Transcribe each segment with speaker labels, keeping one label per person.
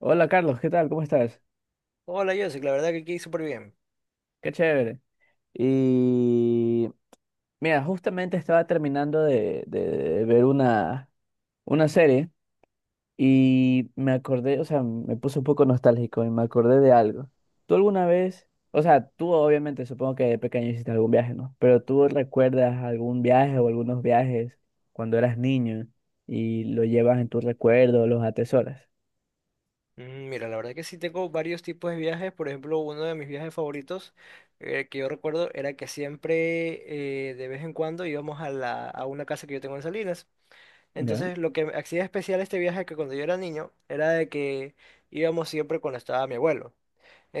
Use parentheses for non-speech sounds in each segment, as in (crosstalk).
Speaker 1: Hola Carlos, ¿qué tal? ¿Cómo estás?
Speaker 2: Hola, Joseph, la verdad que aquí súper bien.
Speaker 1: Qué chévere. Y mira, justamente estaba terminando de ver una serie y me acordé, o sea, me puse un poco nostálgico y me acordé de algo. ¿Tú alguna vez, o sea, tú obviamente supongo que de pequeño hiciste algún viaje, ¿no? Pero tú recuerdas algún viaje o algunos viajes cuando eras niño y lo llevas en tus recuerdos, los atesoras.
Speaker 2: Mira, la verdad que sí tengo varios tipos de viajes. Por ejemplo, uno de mis viajes favoritos que yo recuerdo era que siempre, de vez en cuando, íbamos a una casa que yo tengo en Salinas.
Speaker 1: ¿Ya?
Speaker 2: Entonces, lo que me hacía especial este viaje que cuando yo era niño era de que íbamos siempre cuando estaba mi abuelo.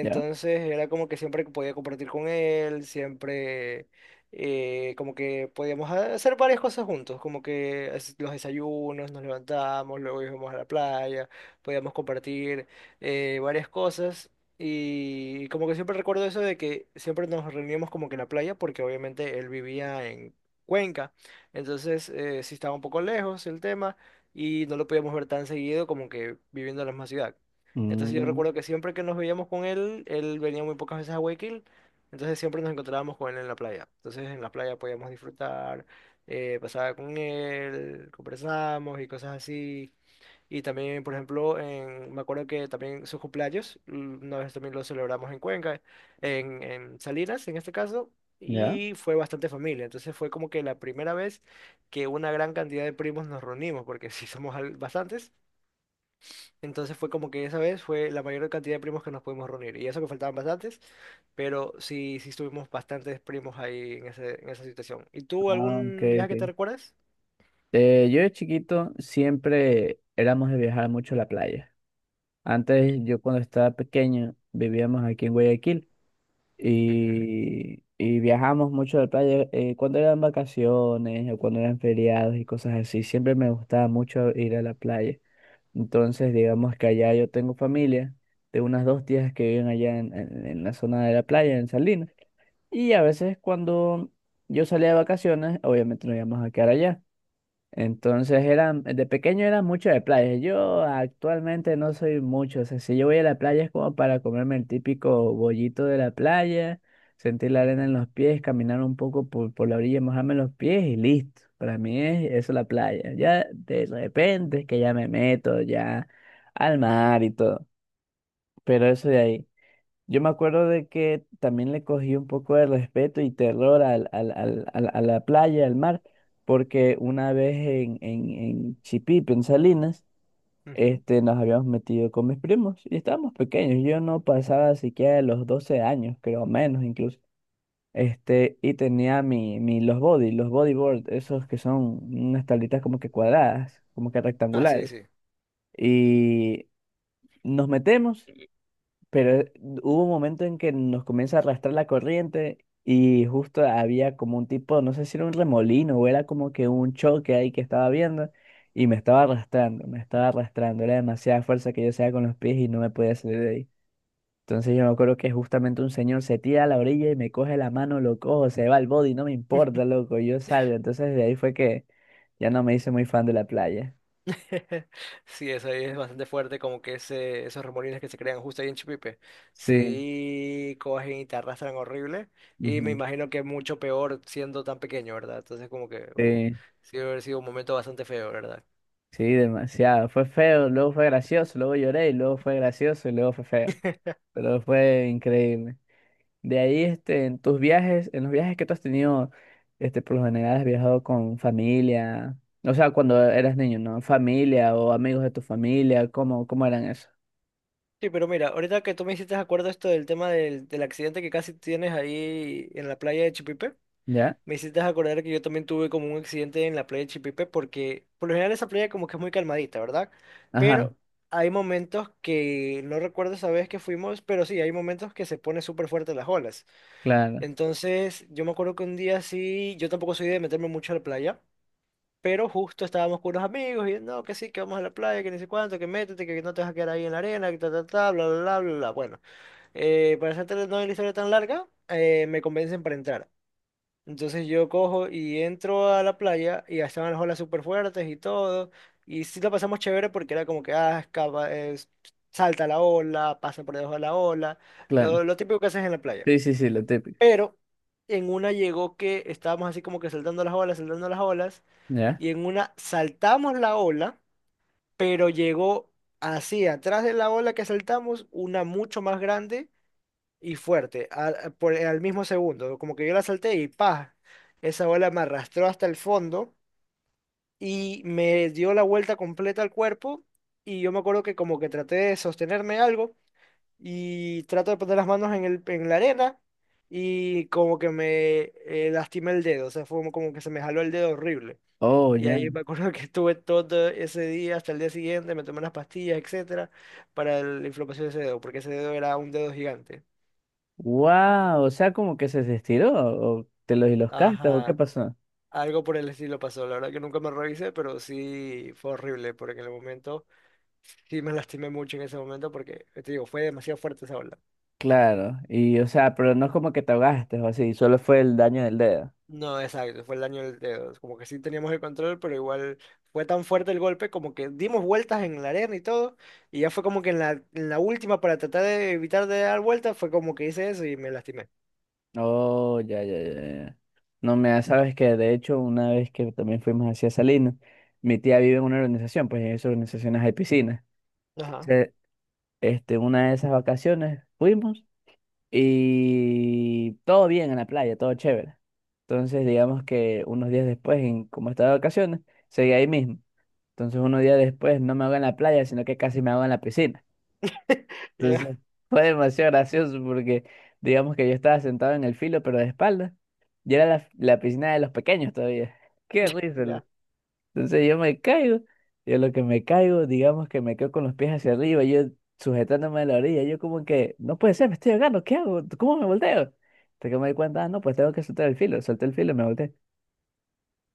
Speaker 1: ¿Ya?
Speaker 2: era como que siempre que podía compartir con él, siempre como que podíamos hacer varias cosas juntos, como que los desayunos, nos levantamos, luego íbamos a la playa, podíamos compartir varias cosas. Y como que siempre recuerdo eso de que siempre nos reuníamos como que en la playa, porque obviamente él vivía en Cuenca, entonces sí estaba un poco lejos el tema y no lo podíamos ver tan seguido como que viviendo en la misma ciudad. Entonces yo
Speaker 1: Mm,
Speaker 2: recuerdo que siempre que nos veíamos con él, él venía muy pocas veces a Guayaquil, entonces siempre nos encontrábamos con él en la playa. Entonces en la playa podíamos disfrutar, pasaba con él, conversábamos y cosas así. Y también, por ejemplo, me acuerdo que también sus cumpleaños, una vez también lo celebramos en Cuenca, en Salinas en este caso,
Speaker 1: ¿ya?
Speaker 2: y fue bastante familia. Entonces fue como que la primera vez que una gran cantidad de primos nos reunimos, porque (laughs) sí somos bastantes. Entonces fue como que esa vez fue la mayor cantidad de primos que nos pudimos reunir. Y eso que faltaban bastantes, pero sí, sí estuvimos bastantes primos ahí en esa situación. ¿Y tú
Speaker 1: Ah, ok,
Speaker 2: algún viaje que te
Speaker 1: ok.
Speaker 2: recuerdas?
Speaker 1: Yo de chiquito siempre éramos de viajar mucho a la playa. Antes, yo cuando estaba pequeño, vivíamos aquí en Guayaquil
Speaker 2: Ujú,
Speaker 1: y viajamos mucho a la playa cuando eran vacaciones o cuando eran feriados y cosas así. Siempre me gustaba mucho ir a la playa. Entonces, digamos que allá yo tengo familia de unas dos tías que viven allá en la zona de la playa, en Salinas. Y a veces cuando yo salía de vacaciones, obviamente nos íbamos a quedar allá. Entonces era, de pequeño era mucho de playa. Yo actualmente no soy mucho. O sea, si yo voy a la playa es como para comerme el típico bollito de la playa, sentir la arena en
Speaker 2: ujú,
Speaker 1: los pies, caminar un poco por la orilla, mojarme los pies y listo. Para mí es eso la playa. Ya de repente es que ya me meto ya al mar y todo. Pero eso de ahí. Yo me acuerdo de que también le cogí un poco de respeto y terror a la playa, al mar, porque una vez en Chipipe, en Salinas,
Speaker 2: ujú.
Speaker 1: nos habíamos metido con mis primos y estábamos pequeños. Yo no pasaba siquiera de los 12 años, creo, menos incluso. Y tenía los body, los bodyboard, esos que son unas tablitas como que cuadradas, como que
Speaker 2: Ah, sí,
Speaker 1: rectangulares.
Speaker 2: sí.
Speaker 1: Y nos metemos. Pero hubo un momento en que nos comienza a arrastrar la corriente y justo había como un tipo, no sé si era un remolino o era como que un choque ahí que estaba viendo y me estaba arrastrando, me estaba arrastrando. Era demasiada fuerza que yo hacía con los pies y no me podía salir de ahí. Entonces yo me acuerdo que justamente un señor se tira a la orilla y me coge la mano, lo cojo, se va al body, no me importa, loco, yo salgo. Entonces de ahí fue que ya no me hice muy fan de la playa.
Speaker 2: (laughs) Sí, eso ahí es bastante fuerte, como que esos remolines que se crean justo ahí en Chipipe.
Speaker 1: Sí.
Speaker 2: Sí, cogen y te arrastran horrible. Y me
Speaker 1: Ujú.
Speaker 2: imagino que mucho peor siendo tan pequeño, ¿verdad? Entonces como que
Speaker 1: Sí.
Speaker 2: sí debe haber sido un momento bastante feo, ¿verdad?
Speaker 1: Sí, demasiado. Fue feo, luego fue gracioso, luego lloré, y luego fue gracioso y luego fue feo.
Speaker 2: (laughs)
Speaker 1: Pero fue increíble. De ahí, en tus viajes, en los viajes que tú has tenido, por lo general has viajado con familia, o sea, cuando eras niño, ¿no? Familia o amigos de tu familia, ¿cómo, cómo eran eso?
Speaker 2: Sí, pero mira, ahorita que tú me hiciste acuerdo esto del tema del accidente que casi tienes ahí en la playa de Chipipe,
Speaker 1: ¿Ya?
Speaker 2: me hiciste acordar que yo también tuve como un accidente en la playa de Chipipe porque por lo general esa playa como que es muy calmadita, ¿verdad?
Speaker 1: Ajá,
Speaker 2: Pero hay momentos que no recuerdo esa vez que fuimos, pero sí, hay momentos que se pone súper fuerte las olas.
Speaker 1: claro,
Speaker 2: Entonces, yo me acuerdo que un día sí, yo tampoco soy de meterme mucho a la playa. Pero justo estábamos con unos amigos y no, que sí, que vamos a la playa, que ni sé cuánto, que métete, que no te vas a quedar ahí en la arena, que ta, ta, ta, bla, bla, bla, bla, bla. Bueno, para hacerte no la historia tan larga, me convencen para entrar. Entonces yo cojo y entro a la playa y ya estaban las olas súper fuertes y todo. Y sí la pasamos chévere porque era como que, ah, escapa, salta la ola, pasa por debajo de la ola,
Speaker 1: claro.
Speaker 2: lo típico que haces en la playa.
Speaker 1: Sí, sí, sí, lo típico.
Speaker 2: Pero en una llegó que estábamos así como que saltando las olas,
Speaker 1: ¿Ya?
Speaker 2: y en una saltamos la ola, pero llegó así, atrás de la ola que saltamos, una mucho más grande y fuerte, al mismo segundo. Como que yo la salté y ¡pah! Esa ola me arrastró hasta el fondo y me dio la vuelta completa al cuerpo. Y yo me acuerdo que como que traté de sostenerme algo y trato de poner las manos en la arena y como que me lastimé el dedo. O sea, fue como que se me jaló el dedo horrible.
Speaker 1: Oh,
Speaker 2: Y
Speaker 1: ya.
Speaker 2: ahí me acuerdo (laughs) que estuve todo ese día hasta el día siguiente, me tomé unas pastillas, etcétera, para la inflamación de ese dedo, porque ese dedo era un dedo gigante.
Speaker 1: Wow, o sea, como que se estiró, o te los y los castas, o qué
Speaker 2: Ajá.
Speaker 1: pasó.
Speaker 2: Algo por el estilo pasó, la verdad que nunca me revisé, pero sí fue horrible, porque en el momento sí me (laughs) lastimé mucho en ese momento, porque te digo, fue demasiado fuerte esa ola.
Speaker 1: Claro, y o sea, pero no es como que te ahogaste o así, solo fue el daño del dedo.
Speaker 2: No, exacto, fue el daño del dedo, como que sí teníamos el control, pero igual fue tan fuerte el golpe, como que dimos vueltas en la arena y todo, y ya fue como que en la última, para tratar de evitar de dar vueltas, fue como que hice eso y me lastimé.
Speaker 1: Oh, ya, ya, ya, ya. No me da- sabes que de hecho una vez que también fuimos hacia Salinas, mi tía vive en una organización, pues en esas organizaciones hay piscinas.
Speaker 2: Ajá,
Speaker 1: Entonces, una de esas vacaciones fuimos y todo bien en la playa, todo chévere. Entonces, digamos que unos días después, como estaba de vacaciones, seguí ahí mismo. Entonces, unos días después no me hago en la playa, sino que casi me hago en la piscina.
Speaker 2: (laughs)
Speaker 1: Entonces
Speaker 2: ya,
Speaker 1: fue demasiado gracioso porque digamos que yo estaba sentado en el filo, pero de espalda. Y era la piscina de los pequeños todavía. (laughs) Qué risa,
Speaker 2: ya.
Speaker 1: loco. Entonces yo me caigo. Y lo que me caigo, digamos que me quedo con los pies hacia arriba, yo sujetándome a la orilla. Yo como que, no puede ser, me estoy ahogando, ¿qué hago? ¿Cómo me volteo? Hasta que me di cuenta, ah, no, pues tengo que soltar el filo. Solté el filo y me volteé.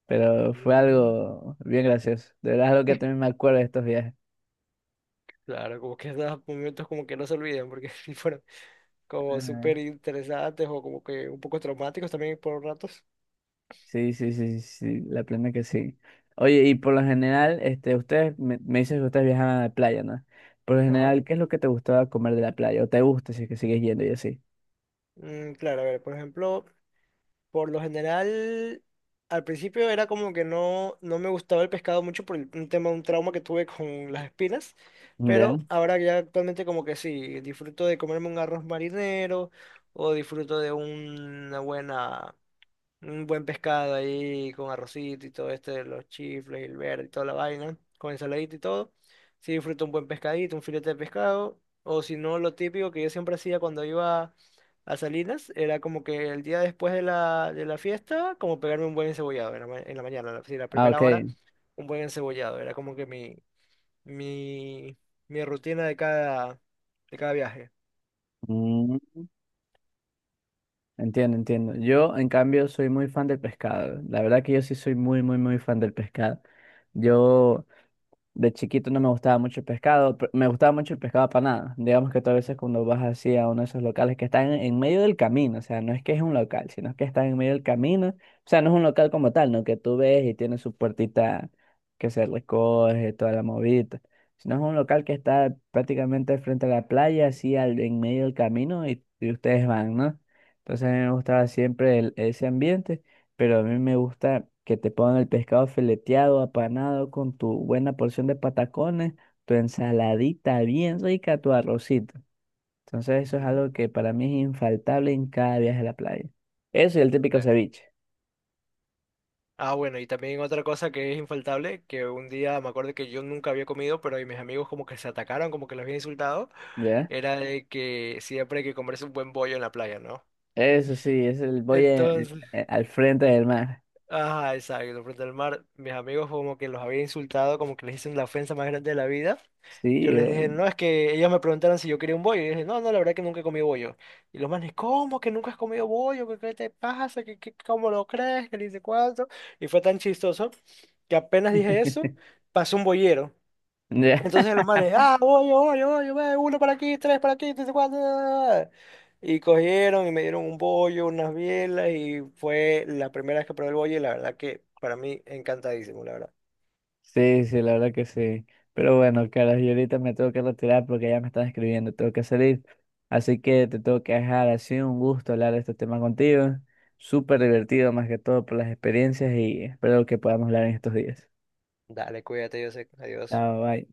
Speaker 1: Pero fue
Speaker 2: Mm.
Speaker 1: algo bien gracioso. De verdad es algo que también me acuerdo de estos viajes.
Speaker 2: Claro, como que esos momentos como que no se olvidan porque (laughs) sí fueron como
Speaker 1: Ajá.
Speaker 2: súper interesantes o como que un poco traumáticos también por ratos.
Speaker 1: Sí, sí, sí, sí, sí, la plena que sí. Oye, y por lo general, ustedes me dices que ustedes viajaban a la playa, ¿no? Por lo
Speaker 2: Ajá.
Speaker 1: general, ¿qué es lo que te gustaba comer de la playa? ¿O te gusta si es que sigues yendo y así?
Speaker 2: Mm, claro, a ver, por ejemplo, por lo general, al principio era como que no, no me gustaba el pescado mucho un tema, un trauma que tuve con las espinas,
Speaker 1: ¿Ya?
Speaker 2: pero ahora ya actualmente como que sí, disfruto de comerme un arroz marinero o disfruto de una buena... Un buen pescado ahí con arrocito y todo esto de los chifles y el verde y toda la vaina, con ensaladita y todo. Sí disfruto un buen pescadito, un filete de pescado. O si no, lo típico que yo siempre hacía cuando iba a Salinas era como que el día después de la fiesta, como pegarme un buen encebollado en la mañana, sí, la
Speaker 1: Ah, ok.
Speaker 2: primera hora, un buen encebollado. Era como que mi, mi rutina de de cada viaje.
Speaker 1: Mm, entiendo, entiendo. Yo, en cambio, soy muy fan del pescado. La verdad que yo sí soy muy, muy, muy fan del pescado. Yo de chiquito no me gustaba mucho el pescado, me gustaba mucho el pescado apanado. Digamos que tú a veces cuando vas así a uno de esos locales que están en medio del camino, o sea, no es que es un local, sino que están en medio del camino, o sea, no es un local como tal, no que tú ves y tiene su puertita que se recoge, toda la movida, sino es un local que está prácticamente frente a la playa, así al, en medio del camino y ustedes van, ¿no? Entonces a mí me gustaba siempre ese ambiente, pero a mí me gusta que te pongan el pescado fileteado, apanado, con tu buena porción de patacones, tu ensaladita bien rica, tu arrocito. Entonces eso es
Speaker 2: Ujú.
Speaker 1: algo que para mí es infaltable en cada viaje a la playa. Eso y el típico ceviche.
Speaker 2: Ah, bueno, y también otra cosa que es infaltable, que un día me acuerdo que yo nunca había comido, pero y mis amigos como que se atacaron, como que los había insultado,
Speaker 1: ¿Ya?
Speaker 2: era de que siempre hay que comerse un buen bollo en la playa, ¿no?
Speaker 1: Eso sí, es el voy
Speaker 2: Entonces,
Speaker 1: al frente del mar.
Speaker 2: ajá, exacto, frente al mar. Mis amigos como que los había insultado, como que les hice la ofensa más grande de la vida. Yo
Speaker 1: Sí,
Speaker 2: les
Speaker 1: o-
Speaker 2: dije, no, es que ellos me preguntaron si yo quería un bollo. Y yo dije, no, no, la verdad que nunca he comido bollo. Y los manes, ¿cómo que nunca has comido bollo? ¿Qué, qué te pasa? ¿Qué, qué- cómo lo crees? ¿Qué le dice cuánto? Y fue tan chistoso que apenas dije eso, pasó un bollero.
Speaker 1: (laughs) ya.
Speaker 2: Entonces los manes, ah, voy, voy, voy, voy, uno para aquí, tres, cuatro. Y cogieron y me dieron un bollo, unas bielas, y fue la primera vez que probé el bollo, y la verdad que para mí encantadísimo, la verdad.
Speaker 1: Sí, sí, la verdad que sí. Pero bueno, Carlos, yo ahorita me tengo que retirar porque ya me están escribiendo, tengo que salir. Así que te tengo que dejar. Ha sido un gusto hablar de este tema contigo. Súper divertido, más que todo por las experiencias y espero que podamos hablar en estos días.
Speaker 2: Dale, cuídate, yo sé, adiós.
Speaker 1: Chao, bye.